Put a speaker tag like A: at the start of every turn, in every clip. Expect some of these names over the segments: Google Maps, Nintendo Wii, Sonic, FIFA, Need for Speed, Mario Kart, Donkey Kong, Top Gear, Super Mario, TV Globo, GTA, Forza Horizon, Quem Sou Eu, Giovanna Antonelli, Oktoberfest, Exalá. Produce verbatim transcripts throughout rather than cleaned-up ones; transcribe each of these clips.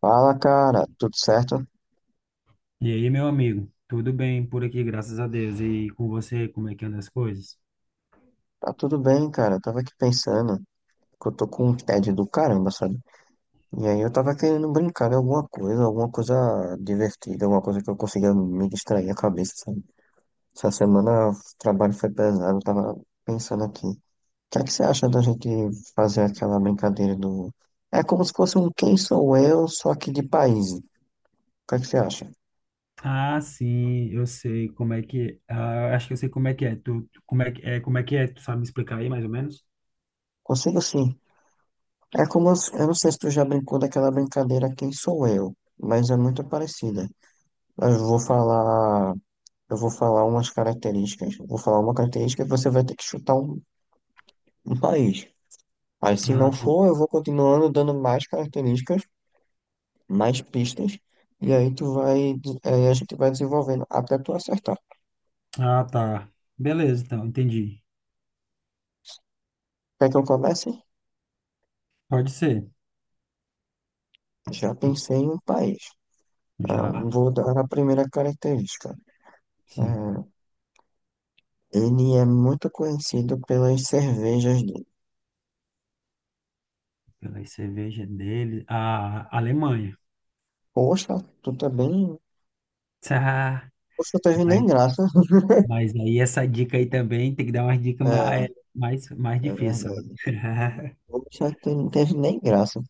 A: Fala, cara, tudo certo?
B: E aí, meu amigo, tudo bem por aqui, graças a Deus. E com você, como é que anda as coisas?
A: Tá tudo bem, cara. Eu tava aqui pensando que eu tô com um tédio do caramba, sabe? E aí eu tava querendo brincar de alguma coisa, alguma coisa divertida, alguma coisa que eu consiga me distrair a cabeça, sabe? Essa semana o trabalho foi pesado, eu tava pensando aqui. O que é que você acha da gente fazer aquela brincadeira do. É como se fosse um Quem Sou Eu, só que de país. O que é que você acha?
B: Ah, sim, eu sei como é que, ah, acho que eu sei como é que é. Tu, tu- como é que é, como é que é? Tu sabe me explicar aí mais ou menos?
A: Consigo sim. É como. Eu não sei se tu já brincou daquela brincadeira Quem Sou Eu, mas é muito parecida. Mas eu vou falar, eu vou falar umas características. Eu vou falar uma característica e você vai ter que chutar um, um país. Aí, se não
B: Ah,
A: for, eu vou continuando dando mais características, mais pistas, e aí tu vai, aí a gente vai desenvolvendo até tu acertar.
B: ah, tá. Beleza, então, entendi.
A: Quer que eu comece?
B: Pode ser.
A: Já
B: Tu
A: pensei em um país. Ah,
B: já,
A: vou dar a primeira característica.
B: sim,
A: Ah, Ele é muito conhecido pelas cervejas dele.
B: pela cerveja dele, a Alemanha.
A: Poxa, tu tá bem.
B: Tá,
A: Poxa, teve
B: mas,
A: nem graça.
B: mas aí essa dica aí também tem que dar umas dicas mais
A: É,
B: mais mais
A: é
B: difíceis, sabe?
A: verdade. Poxa, tu não teve nem graça.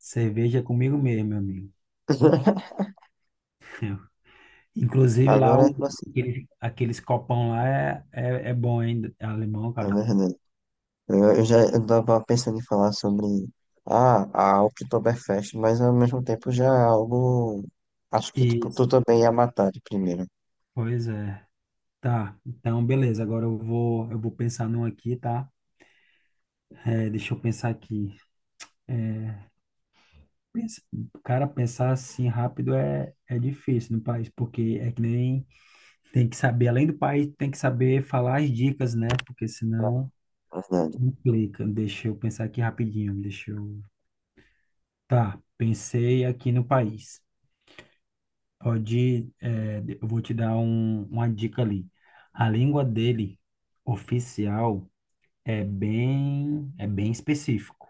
B: Cerveja é comigo mesmo, meu amigo. Inclusive lá,
A: Agora é
B: o,
A: pra citar,
B: aqueles, aqueles copão lá é, é, é bom, hein? É alemão,
A: na
B: cara.
A: verdade. Eu, eu já eu tava pensando em falar sobre ah, a Oktoberfest, mas ao mesmo tempo já é algo. Acho que tipo, tu
B: Isso,
A: também ia matar de primeira.
B: pois é. Tá, então beleza. Agora eu vou, eu vou pensar num aqui, tá? É, deixa eu pensar aqui. É, pensa- cara, pensar assim rápido é, é difícil no país, porque é que nem tem que saber, além do país, tem que saber falar as dicas, né? Porque senão
A: Na verdade.
B: implica. Deixa eu pensar aqui rapidinho. Deixa eu. Tá, pensei aqui no país. Pode, é, eu vou te dar um- uma dica ali. A língua dele, oficial, é bem, é bem específico.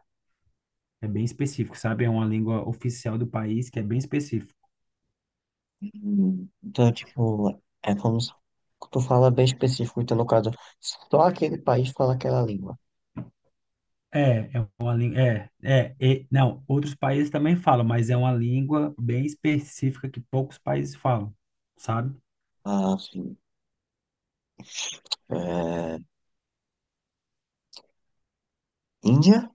B: É bem específico, sabe? É uma língua oficial do país que é bem específico.
A: Hum, Então, tipo, é como se tu fala bem específico, então no caso, só aquele país fala aquela língua.
B: É, é uma língua. É, é, e- não, outros países também falam, mas é uma língua bem específica que poucos países falam, sabe?
A: Ah, sim. É, Índia?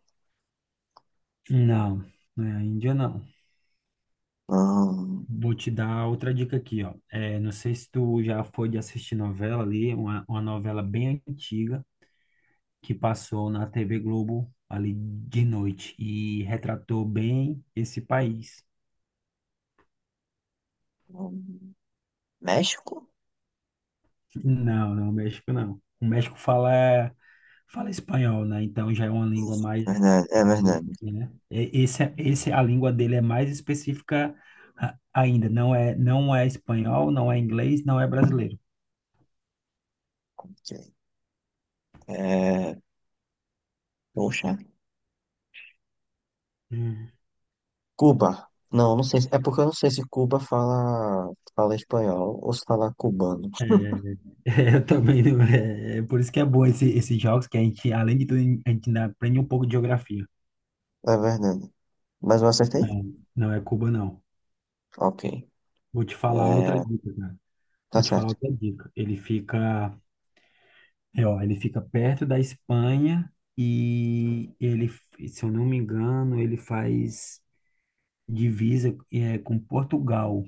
B: Não, não é a Índia, não.
A: Hum,
B: Vou te dar outra dica aqui, ó. É, não sei se tu já foi de assistir novela ali, uma, uma novela bem antiga, que passou na T V Globo ali de noite e retratou bem esse país.
A: hum, México?
B: Não, não, o México não. O México fala, fala espanhol, né? Então já é uma língua mais,
A: Verdade, é verdade.
B: né? E- Esse, é, esse, a língua dele é mais específica a- ainda. Não é, não é espanhol, não é inglês, não é brasileiro.
A: Ok. É, poxa.
B: Hum.
A: Cuba. Não, não sei se- é porque eu não sei se Cuba fala, fala espanhol ou se fala cubano.
B: É, eu também, não- é, é por isso que é bom esse, esses jogos, que a gente, além de tudo, a gente ainda aprende um pouco de geografia.
A: É verdade. Mas eu acertei?
B: Não, não é Cuba, não.
A: Ok.
B: Vou te falar outra
A: É,
B: dica, cara. Vou
A: tá
B: te falar
A: certo.
B: outra dica. Ele fica, é, ó, ele fica perto da Espanha e ele, se eu não me engano, ele faz divisa é, com Portugal,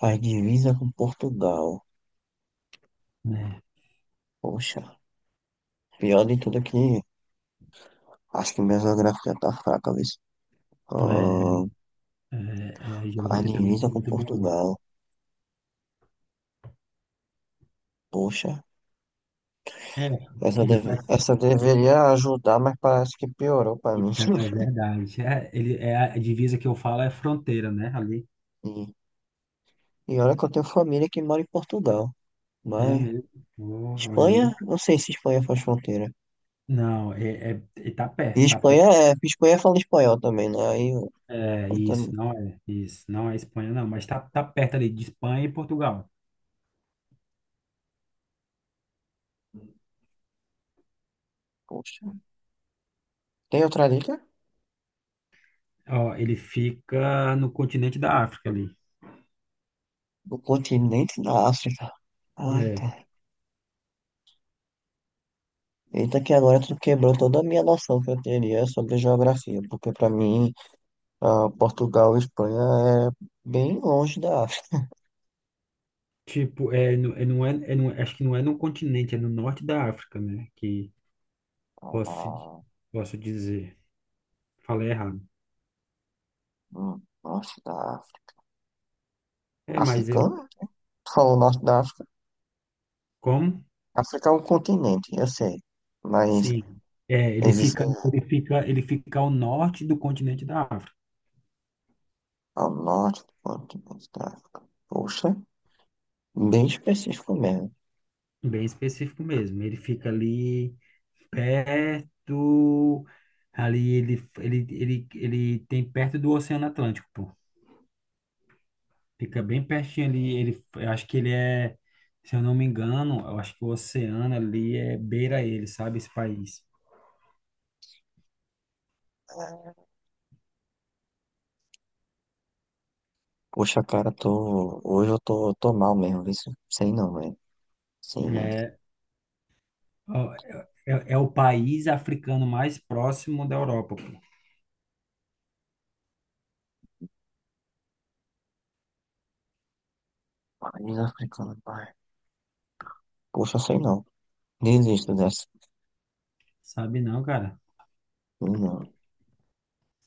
A: Faz divisa com Portugal.
B: né?
A: Poxa. Pior de tudo é que acho que minha geografia tá fraca, viu?
B: É,
A: Ahn,
B: é, é, a
A: faz
B: geografia também
A: divisa
B: não é
A: com
B: muito boa, não.
A: Portugal. Poxa.
B: É,
A: Essa,
B: ele
A: deve...
B: faz.
A: Essa deveria ajudar, mas parece que piorou pra mim.
B: Não, é verdade. É, ele, é a divisa que eu falo é fronteira, né? Ali.
A: E, e olha que eu tenho família que mora em Portugal.
B: É
A: Mas.
B: mesmo. Oh, olha aí.
A: Espanha? Não sei se Espanha faz fronteira.
B: Não, é, é, é- tá
A: E
B: perto, tá
A: Espanha
B: perto.
A: é. Espanha fala espanhol também, né? Aí eu,
B: É,
A: eu
B: isso,
A: também.
B: não é, isso, não é Espanha, não, mas tá, tá perto ali de Espanha e Portugal.
A: Poxa. Tem outra dica?
B: Ó, ele fica no continente da África ali.
A: Do continente da África. Ai, tá.
B: É,
A: Eita, que agora tu quebrou toda a minha noção que eu teria sobre geografia, porque pra mim, ah, Portugal e Espanha é bem longe da África.
B: tipo, é, no- é, não é, é, não, acho que não é no continente, é no norte da África, né? Que
A: Ah,
B: posso,
A: ah,
B: posso dizer. Falei errado.
A: hum, norte da África.
B: É, mas eu,
A: Africana? Tu falou norte da África?
B: como?
A: África é um continente, eu sei. Mas
B: Sim. É, ele
A: existe.
B: fica, ele fica, ele fica ao norte do continente da África.
A: Ao norte do ponto de vista da África. Poxa, bem específico mesmo.
B: Bem específico mesmo. Ele fica ali, perto ali ele ele, ele ele tem perto do Oceano Atlântico, pô. Fica bem pertinho ali, ele eu acho que ele é, se eu não me engano, eu acho que o oceano ali é beira ele, sabe, esse país.
A: Poxa, cara, tô... hoje eu tô, tô mal mesmo, isso sei não, velho. Sei não.
B: É, ó, é, é é o país africano mais próximo da Europa, pô.
A: País africano, pai. Poxa, sei não. Desisto dessa.
B: Sabe não, cara?
A: Não,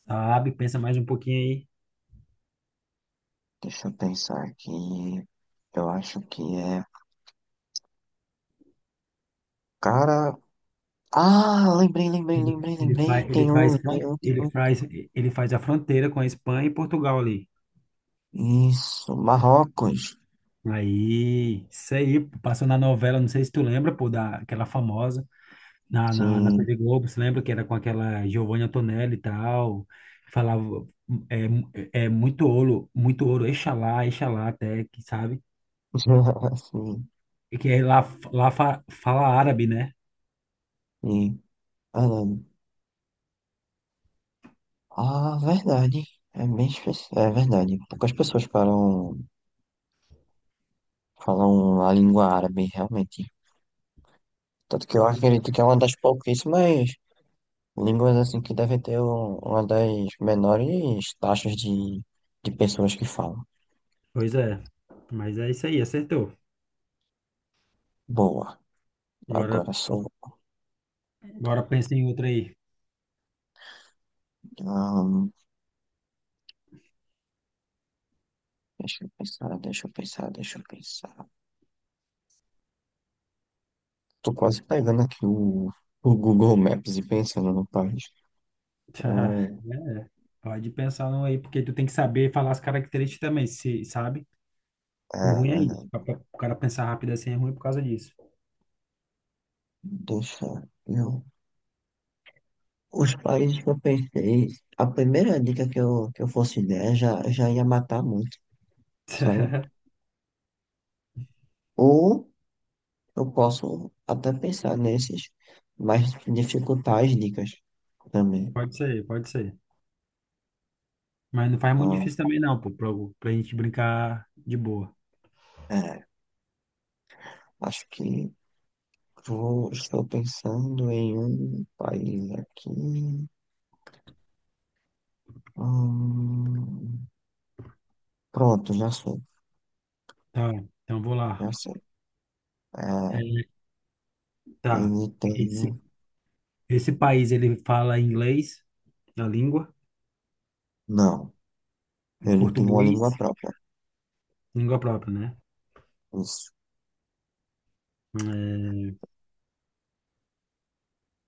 B: Sabe, pensa mais um pouquinho aí.
A: deixa eu pensar aqui. Eu acho que é. Cara. Ah, lembrei, lembrei,
B: Ele,
A: lembrei,
B: ele
A: lembrei.
B: faz, ele
A: Tem
B: faz,
A: um, tem
B: fron-
A: um, tem
B: ele
A: um.
B: faz, ele faz a fronteira com a Espanha e Portugal ali.
A: Isso, Marrocos.
B: Aí, isso aí, pô, passou na novela, não sei se tu lembra, pô, da, aquela famosa, na, na, na T V
A: Sim.
B: Globo, você lembra que era com aquela Giovanna Antonelli e tal, falava, é, é muito ouro, muito ouro, Exalá, Exalá até, que sabe,
A: Sim.
B: e que é lá, lá fa- fala árabe, né?
A: Sim. Ah, não. Ah, verdade. É bem específico. É verdade. Poucas pessoas falam, falam a língua árabe, realmente. Tanto que eu
B: Pois
A: acredito
B: é.
A: que é uma das pouquíssimas línguas assim que devem ter um- uma das menores taxas de, de pessoas que falam.
B: Pois é. Mas é isso aí, acertou.
A: Boa.
B: Agora,
A: Agora sou.
B: agora pensa em outra aí.
A: Ahn, deixa eu pensar, deixa eu pensar, deixa eu pensar. Tô quase pegando aqui o, o Google Maps e pensando no país. Ai,
B: É, pode pensar num aí, porque tu tem que saber falar as características também, se, sabe? O
A: ah,
B: ruim é isso. pra-
A: ah,
B: pra- O cara pensar rápido assim é ruim por causa disso.
A: deixa eu. Os países que eu pensei, a primeira dica que eu, que eu fosse der já, já ia matar muito, sabe? Ou eu posso até pensar nesses, mas dificultar as dicas também.
B: Pode ser, pode ser. Mas não faz muito difícil
A: Ah,
B: também, não, pô, pra, pra gente brincar de boa.
A: é, acho que vou, estou pensando em um país aqui. Hum, pronto, já sei,
B: Tá, então vou lá.
A: já sei. É,
B: É, tá.
A: ele tem.
B: Esse, esse país, ele fala inglês, a língua,
A: Não, ele tem uma língua
B: português,
A: própria.
B: língua própria, né?
A: Isso.
B: É,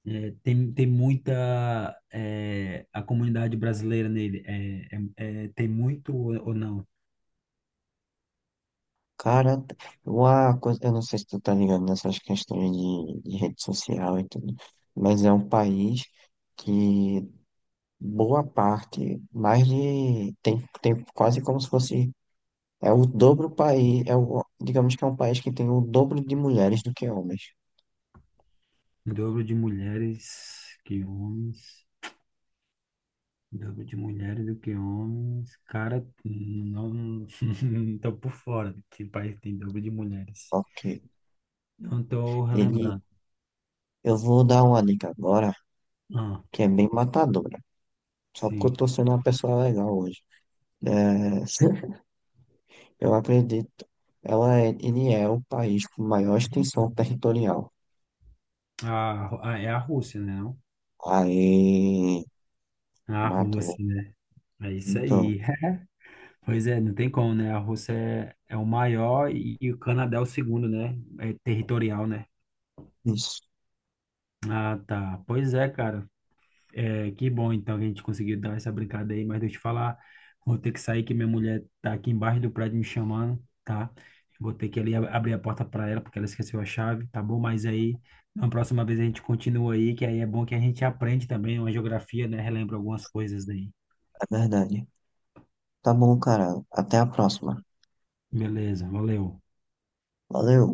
B: é, tem, tem muita. É, a comunidade brasileira nele é, é- é, tem muito ou ou não?
A: Cara, uma coisa, eu não sei se tu tá ligado nessas questões de, de rede social e tudo, mas é um país que boa parte, mais de, tem, tem quase como se fosse, é o dobro país, é o, digamos que é um país que tem o dobro de mulheres do que homens.
B: O dobro de mulheres que homens. Dobro de mulheres do que homens. Cara, não, não não tô por fora de que país tem dobro de mulheres.
A: Ok.
B: Não tô
A: Ele,
B: relembrando.
A: eu vou dar uma dica agora,
B: Ah,
A: que é bem matadora, só porque eu
B: sim.
A: tô sendo uma pessoa legal hoje. É, eu acredito. Ela é, ele é o país com maior extensão territorial.
B: A, Ru- ah, é a Rússia, né? Não?
A: Aí,
B: A
A: matou.
B: Rússia, né? É isso
A: Então,
B: aí. Pois é, não tem como, né? A Rússia é, é o maior e, e o Canadá é o segundo, né? É territorial, né?
A: isso,
B: Ah, tá. Pois é, cara. É, que bom, então, que a gente conseguiu dar essa brincada aí, mas deixa eu te falar, vou ter que sair que minha mulher tá aqui embaixo do prédio me chamando, tá? Vou ter que ali ab- abrir a porta para ela, porque ela esqueceu a chave, tá bom? Mas aí, na próxima vez a gente continua aí, que aí é bom que a gente aprende também uma geografia, né? Relembra algumas coisas aí.
A: é verdade. Tá bom, cara. Até a próxima.
B: Beleza, valeu.
A: Valeu.